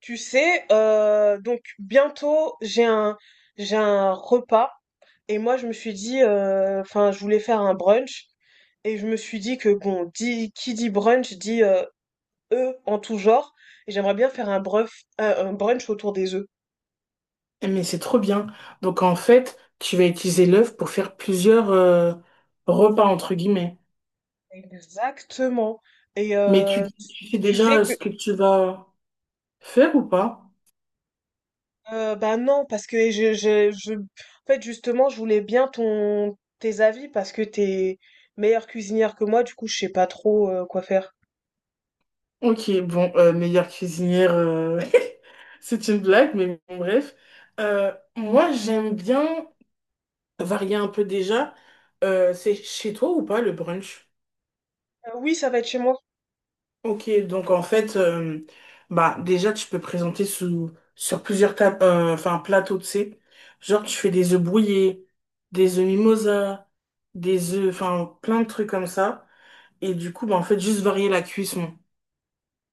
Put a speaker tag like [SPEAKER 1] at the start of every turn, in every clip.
[SPEAKER 1] Donc bientôt j'ai un repas, et moi je me suis dit, enfin je voulais faire un brunch, et je me suis dit que qui dit brunch dit œufs en tout genre, et j'aimerais bien faire un brunch autour des œufs.
[SPEAKER 2] Eh, mais c'est trop bien. Donc en fait, tu vas utiliser l'œuf pour faire plusieurs repas entre guillemets.
[SPEAKER 1] Exactement. Et
[SPEAKER 2] Mais tu,
[SPEAKER 1] euh,
[SPEAKER 2] tu sais
[SPEAKER 1] tu
[SPEAKER 2] déjà
[SPEAKER 1] sais que
[SPEAKER 2] ce que tu vas faire ou pas?
[SPEAKER 1] bah non, parce que je en fait justement je voulais bien ton tes avis parce que t'es meilleure cuisinière que moi, du coup je sais pas trop quoi faire.
[SPEAKER 2] Ok, bon, meilleure cuisinière, c'est une blague, mais bon, bref. Moi, j'aime bien varier un peu déjà. C'est chez toi ou pas le brunch?
[SPEAKER 1] Oui, ça va être chez moi.
[SPEAKER 2] Ok, donc en fait, bah déjà tu peux présenter sous sur plusieurs tables, enfin plateaux, tu sais. Genre tu fais des œufs brouillés, des œufs mimosa, des œufs, enfin plein de trucs comme ça. Et du coup, bah en fait juste varier la cuisson.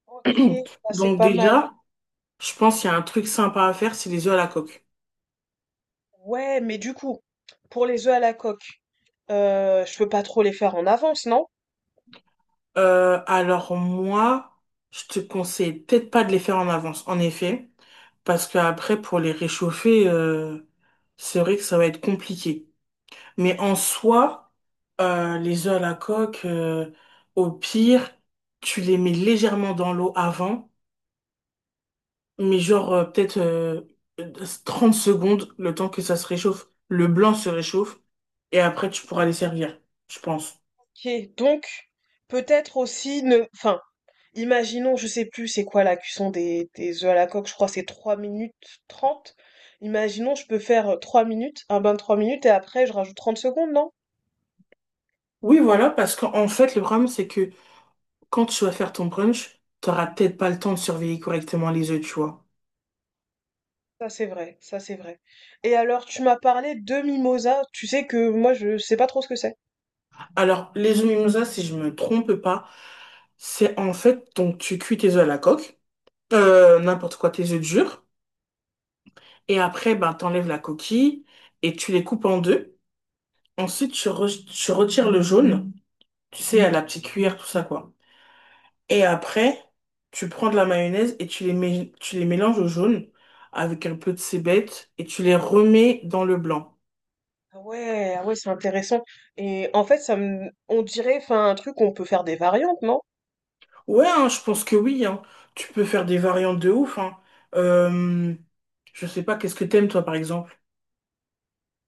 [SPEAKER 1] OK, ça c'est
[SPEAKER 2] Donc
[SPEAKER 1] pas mal.
[SPEAKER 2] déjà, je pense qu'il y a un truc sympa à faire, c'est les œufs à la coque.
[SPEAKER 1] Ouais, mais du coup, pour les œufs à la coque, je peux pas trop les faire en avance, non?
[SPEAKER 2] Alors moi, je te conseille peut-être pas de les faire en avance, en effet, parce qu'après pour les réchauffer, c'est vrai que ça va être compliqué. Mais en soi, les œufs à la coque, au pire, tu les mets légèrement dans l'eau avant, mais genre peut-être 30 secondes, le temps que ça se réchauffe, le blanc se réchauffe, et après tu pourras les servir, je pense.
[SPEAKER 1] OK, donc peut-être aussi ne enfin, imaginons, je sais plus c'est quoi la cuisson des œufs à la coque, je crois que c'est 3 minutes 30. Imaginons, je peux faire, 3 minutes, un bain de 3 minutes, et après je rajoute 30 secondes, non?
[SPEAKER 2] Oui, voilà, parce qu'en fait, le problème, c'est que quand tu vas faire ton brunch, t'auras peut-être pas le temps de surveiller correctement les œufs, tu vois.
[SPEAKER 1] Ça c'est vrai, ça c'est vrai. Et alors, tu m'as parlé de mimosa, tu sais que moi je sais pas trop ce que c'est.
[SPEAKER 2] Alors, les œufs mimosa, si je me trompe pas, c'est en fait, donc tu cuis tes œufs à la coque, n'importe quoi, tes œufs durs. Et après, ben, t'enlèves la coquille et tu les coupes en deux. Ensuite, tu retires le jaune, tu sais, à la petite cuillère, tout ça, quoi. Et après, tu prends de la mayonnaise et tu tu les mélanges au jaune avec un peu de cébette et tu les remets dans le blanc.
[SPEAKER 1] Ah ouais, ah ouais, c'est intéressant. Et en fait, ça me, on dirait, enfin, un truc on peut faire des variantes, non?
[SPEAKER 2] Ouais, hein, je pense que oui, hein. Tu peux faire des variantes de ouf, hein. Euh, je sais pas, qu'est-ce que t'aimes, toi, par exemple?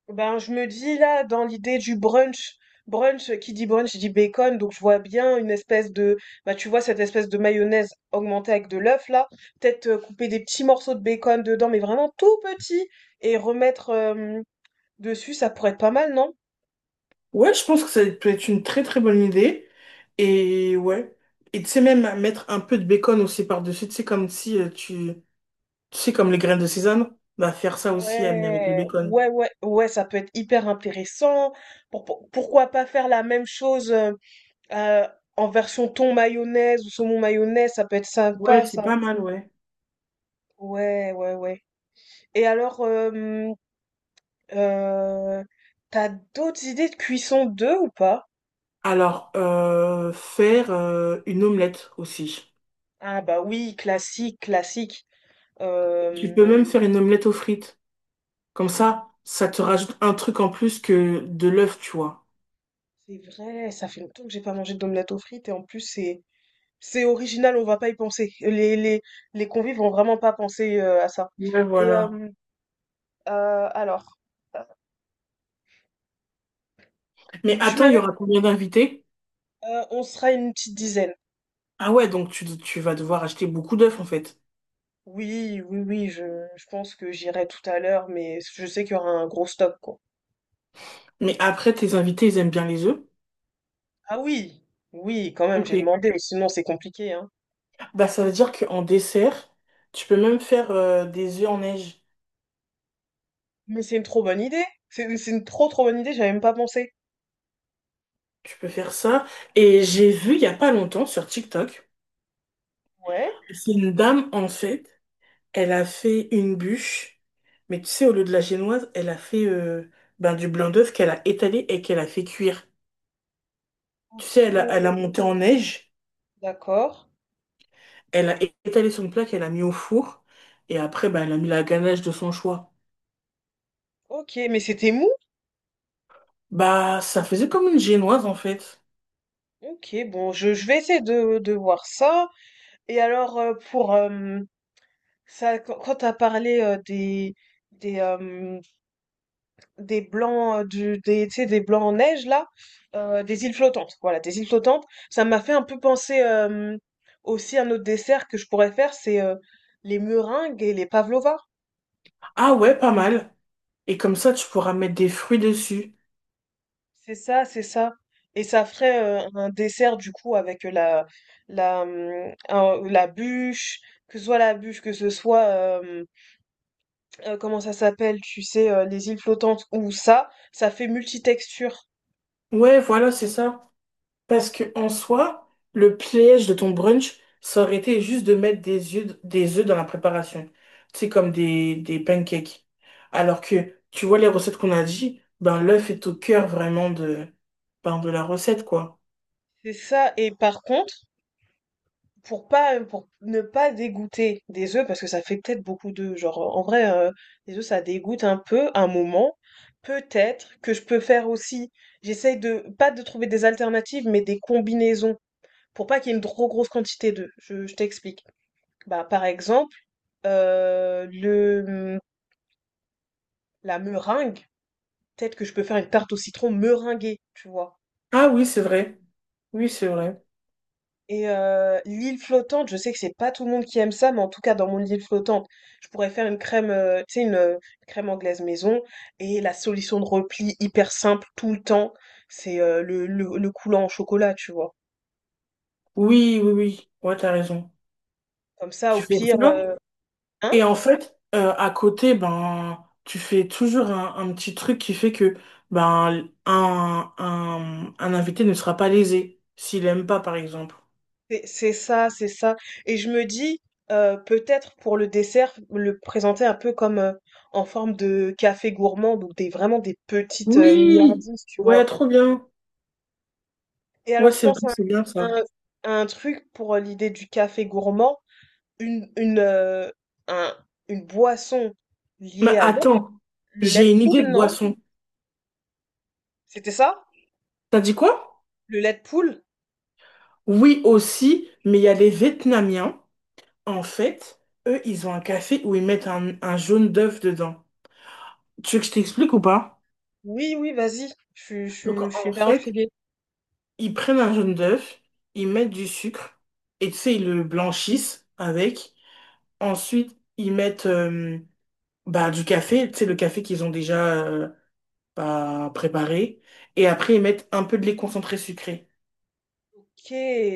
[SPEAKER 1] Ben, je me dis là, dans l'idée du brunch, brunch, qui dit brunch, dit bacon, donc je vois bien une espèce de, bah tu vois, cette espèce de mayonnaise augmentée avec de l'œuf là, peut-être couper des petits morceaux de bacon dedans, mais vraiment tout petits, et remettre dessus, ça pourrait être pas mal, non?
[SPEAKER 2] Ouais, je pense que ça peut être une très très bonne idée. Et ouais. Et tu sais même mettre un peu de bacon aussi par-dessus, tu sais comme si tu sais comme les graines de sésame, bah faire ça aussi mais avec le
[SPEAKER 1] Ouais,
[SPEAKER 2] bacon.
[SPEAKER 1] ouais, ouais, ouais, ça peut être hyper intéressant. Pourquoi pas faire la même chose euh, en version thon mayonnaise ou saumon mayonnaise, ça peut être
[SPEAKER 2] Ouais,
[SPEAKER 1] sympa,
[SPEAKER 2] c'est
[SPEAKER 1] ça.
[SPEAKER 2] pas mal, ouais.
[SPEAKER 1] Ouais, ouais, ouais. Et alors, euh, t'as d'autres idées de cuisson d'œufs ou pas?
[SPEAKER 2] Alors faire une omelette aussi.
[SPEAKER 1] Ah bah oui, classique, classique.
[SPEAKER 2] Tu
[SPEAKER 1] Euh,
[SPEAKER 2] peux même faire une omelette aux frites. Comme ça te rajoute un truc en plus que de l'œuf, tu vois.
[SPEAKER 1] c'est vrai, ça fait longtemps que j'ai pas mangé d'omelette aux frites, et en plus c'est original, on va pas y penser. Les convives vont vraiment pas penser à ça.
[SPEAKER 2] Ouais,
[SPEAKER 1] Et
[SPEAKER 2] voilà.
[SPEAKER 1] euh, euh, alors, euh,
[SPEAKER 2] Mais
[SPEAKER 1] Tu
[SPEAKER 2] attends, il y
[SPEAKER 1] m'avais,
[SPEAKER 2] aura combien d'invités?
[SPEAKER 1] on sera une petite dizaine.
[SPEAKER 2] Ah ouais, donc tu vas devoir acheter beaucoup d'œufs en fait.
[SPEAKER 1] Oui, oui, oui, je pense que j'irai tout à l'heure, mais je sais qu'il y aura un gros stock, quoi.
[SPEAKER 2] Mais après, tes invités, ils aiment bien les œufs.
[SPEAKER 1] Ah oui, oui, quand même,
[SPEAKER 2] Ok.
[SPEAKER 1] j'ai demandé, sinon c'est compliqué, hein.
[SPEAKER 2] Bah, ça veut dire qu'en dessert, tu peux même faire des œufs en neige.
[SPEAKER 1] Mais c'est une trop bonne idée. C'est une trop trop bonne idée, j'avais même pas pensé.
[SPEAKER 2] Tu peux faire ça. Et j'ai vu il y a pas longtemps sur TikTok,
[SPEAKER 1] Ouais,
[SPEAKER 2] c'est une dame, en fait, elle a fait une bûche. Mais tu sais, au lieu de la génoise, elle a fait ben, du blanc d'œuf qu'elle a étalé et qu'elle a fait cuire. Tu
[SPEAKER 1] ok,
[SPEAKER 2] sais, elle a monté en neige,
[SPEAKER 1] d'accord.
[SPEAKER 2] elle a étalé son plat qu'elle a mis au four, et après, ben, elle a mis la ganache de son choix.
[SPEAKER 1] Ok, mais c'était mou.
[SPEAKER 2] Bah, ça faisait comme une génoise, en fait.
[SPEAKER 1] Ok, bon, je vais essayer de voir ça. Et alors, ça, quand quand tu parlé, des, hem, des blancs, du des tu sais, des blancs en neige là, des îles flottantes, voilà, des îles flottantes. Ça m'a fait un peu penser, aussi à un autre dessert que je pourrais faire, c'est, les meringues et les pavlovas.
[SPEAKER 2] Ah ouais, pas mal. Et comme ça, tu pourras mettre des fruits dessus.
[SPEAKER 1] C'est ça, c'est ça. Et ça ferait, un dessert du coup avec, la la, mmh, un la bûche, que ce soit la bûche, que ce soit, comment ça s'appelle, tu sais, les îles flottantes, ou ça fait multitexture.
[SPEAKER 2] Ouais, voilà, c'est ça. Parce que en soi, le piège de ton brunch, ça aurait été juste de mettre des œufs dans la préparation. C'est comme des pancakes. Alors que, tu vois, les recettes qu'on a dit, ben l'œuf est au cœur vraiment de, ben, de la recette, quoi.
[SPEAKER 1] C'est ça. Et par contre, pour ne pas dégoûter des œufs, parce que ça fait peut-être beaucoup d'œufs, genre en vrai, les œufs ça dégoûte un peu un moment. Peut-être que je peux faire aussi. J'essaye de pas de trouver des alternatives, mais des combinaisons, pour pas qu'il y ait une trop grosse quantité d'œufs. Je t'explique. Bah, par exemple, euh, le, hum, la meringue, peut-être que je peux faire une tarte au citron meringuée, tu vois.
[SPEAKER 2] Ah oui, c'est vrai. Oui, c'est vrai.
[SPEAKER 1] L'île flottante, je sais que c'est pas tout le monde qui aime ça, mais en tout cas dans mon île flottante, je pourrais faire une crème, tu sais, crème anglaise maison. Et la solution de repli hyper simple tout le temps, c'est le coulant au chocolat, tu vois.
[SPEAKER 2] Oui, oui, oui. Ouais, t'as raison.
[SPEAKER 1] Comme ça, au
[SPEAKER 2] Tu fais
[SPEAKER 1] pire,
[SPEAKER 2] ça?
[SPEAKER 1] hein?
[SPEAKER 2] Et en fait, à côté, ben, tu fais toujours un petit truc qui fait que ben, un invité ne sera pas lésé s'il aime pas, par exemple.
[SPEAKER 1] C'est ça, c'est ça. Et je me dis, peut-être pour le dessert, le présenter un peu comme en forme de café gourmand, donc des, vraiment des petites
[SPEAKER 2] Oui!
[SPEAKER 1] milliardises, tu
[SPEAKER 2] Ouais,
[SPEAKER 1] vois.
[SPEAKER 2] trop bien.
[SPEAKER 1] Et
[SPEAKER 2] Ouais,
[SPEAKER 1] alors, je
[SPEAKER 2] c'est vrai,
[SPEAKER 1] pense à
[SPEAKER 2] c'est bien ça.
[SPEAKER 1] un, un truc pour l'idée du café gourmand, une, une, euh, un- une boisson
[SPEAKER 2] Mais
[SPEAKER 1] liée à l'eau,
[SPEAKER 2] attends,
[SPEAKER 1] le lait
[SPEAKER 2] j'ai
[SPEAKER 1] de
[SPEAKER 2] une idée
[SPEAKER 1] poule,
[SPEAKER 2] de
[SPEAKER 1] non?
[SPEAKER 2] boisson.
[SPEAKER 1] C'était ça?
[SPEAKER 2] T'as dit quoi?
[SPEAKER 1] Le lait de poule?
[SPEAKER 2] Oui, aussi, mais il y a les Vietnamiens, en fait, eux, ils ont un café où ils mettent un jaune d'œuf dedans. Tu veux que je t'explique ou pas?
[SPEAKER 1] Oui, oui, vas-y.
[SPEAKER 2] Donc,
[SPEAKER 1] Je suis
[SPEAKER 2] en
[SPEAKER 1] hyper
[SPEAKER 2] fait,
[SPEAKER 1] intriguée.
[SPEAKER 2] ils prennent un jaune d'œuf, ils mettent du sucre, et tu sais, ils le blanchissent avec. Ensuite, ils mettent bah, du café, tu sais, le café qu'ils ont déjà bah, préparé. Et après, ils mettent un peu de lait concentré sucré.
[SPEAKER 1] Ok,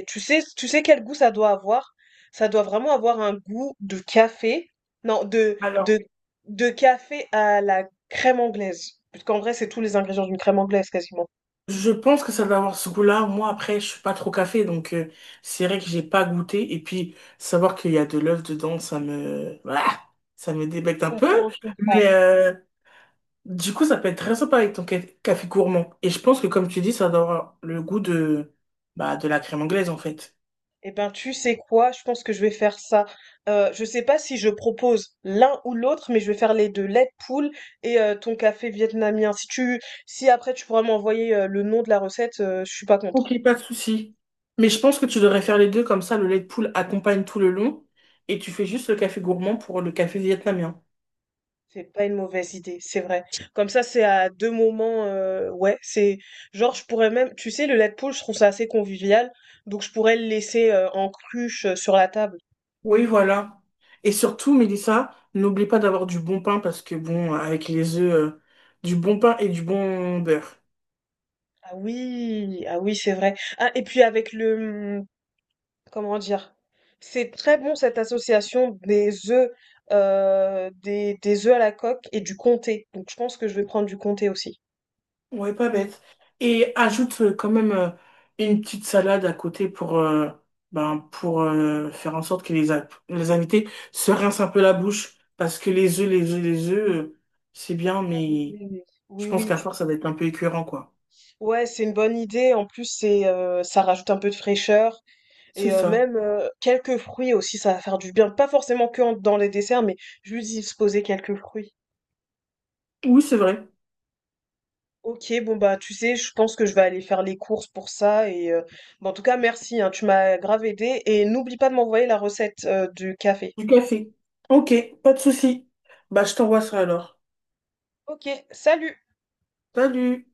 [SPEAKER 1] tu sais quel goût ça doit avoir? Ça doit vraiment avoir un goût de café. Non,
[SPEAKER 2] Alors,
[SPEAKER 1] de café à la crème anglaise. Parce qu'en vrai, c'est tous les ingrédients d'une crème anglaise quasiment.
[SPEAKER 2] je pense que ça doit avoir ce goût-là. Moi, après, je suis pas trop café, donc c'est vrai que j'ai pas goûté. Et puis, savoir qu'il y a de l'œuf dedans, ça me... voilà, ça me débecte un
[SPEAKER 1] Je
[SPEAKER 2] peu.
[SPEAKER 1] comprends, je comprends.
[SPEAKER 2] Mais, euh, Du coup, ça peut être très sympa avec ton café gourmand. Et je pense que, comme tu dis, ça doit avoir le goût de, bah, de la crème anglaise, en fait.
[SPEAKER 1] Eh ben, tu sais quoi? Je pense que je vais faire ça. Je sais pas si je propose l'un ou l'autre, mais je vais faire les deux, lait de poule et ton café vietnamien. Si tu, si après tu pourras m'envoyer le nom de la recette, je suis pas contre.
[SPEAKER 2] Ok, pas de souci. Mais je pense que tu devrais faire les deux, comme ça, le lait de poule accompagne tout le long et tu fais juste le café gourmand pour le café vietnamien.
[SPEAKER 1] C'est pas une mauvaise idée, c'est vrai. Comme ça, c'est à deux moments. Ouais, c'est genre je pourrais même, tu sais, le lait de poule, je trouve ça assez convivial, donc je pourrais le laisser en cruche sur la table.
[SPEAKER 2] Oui, voilà. Et surtout, Mélissa, n'oublie pas d'avoir du bon pain parce que, bon, avec les œufs, du bon pain et du bon beurre.
[SPEAKER 1] Ah oui, ah oui, c'est vrai. Ah, et puis avec le, comment dire, c'est très bon cette association des œufs, des œufs à la coque et du comté. Donc je pense que je vais prendre du comté aussi.
[SPEAKER 2] Ouais, pas bête. Et ajoute quand même une petite salade à côté pour, ben, pour faire en sorte que les invités se rincent un peu la bouche. Parce que les œufs, les œufs, les œufs, c'est bien,
[SPEAKER 1] Oui,
[SPEAKER 2] mais
[SPEAKER 1] oui, oui.
[SPEAKER 2] je
[SPEAKER 1] Oui,
[SPEAKER 2] pense
[SPEAKER 1] oui.
[SPEAKER 2] qu'à force, ça va être un peu écœurant, quoi.
[SPEAKER 1] Ouais, c'est une bonne idée. En plus, c'est, ça rajoute un peu de fraîcheur,
[SPEAKER 2] C'est
[SPEAKER 1] et
[SPEAKER 2] ça.
[SPEAKER 1] même quelques fruits aussi, ça va faire du bien. Pas forcément que dans les desserts, mais juste y poser quelques fruits.
[SPEAKER 2] Oui, c'est vrai.
[SPEAKER 1] Ok, bon bah tu sais, je pense que je vais aller faire les courses pour ça, et bah, en tout cas merci, hein, tu m'as grave aidé, et n'oublie pas de m'envoyer la recette du café.
[SPEAKER 2] Du café. Ok, pas de souci. Bah, je t'envoie ça alors.
[SPEAKER 1] Ok, salut!
[SPEAKER 2] Salut!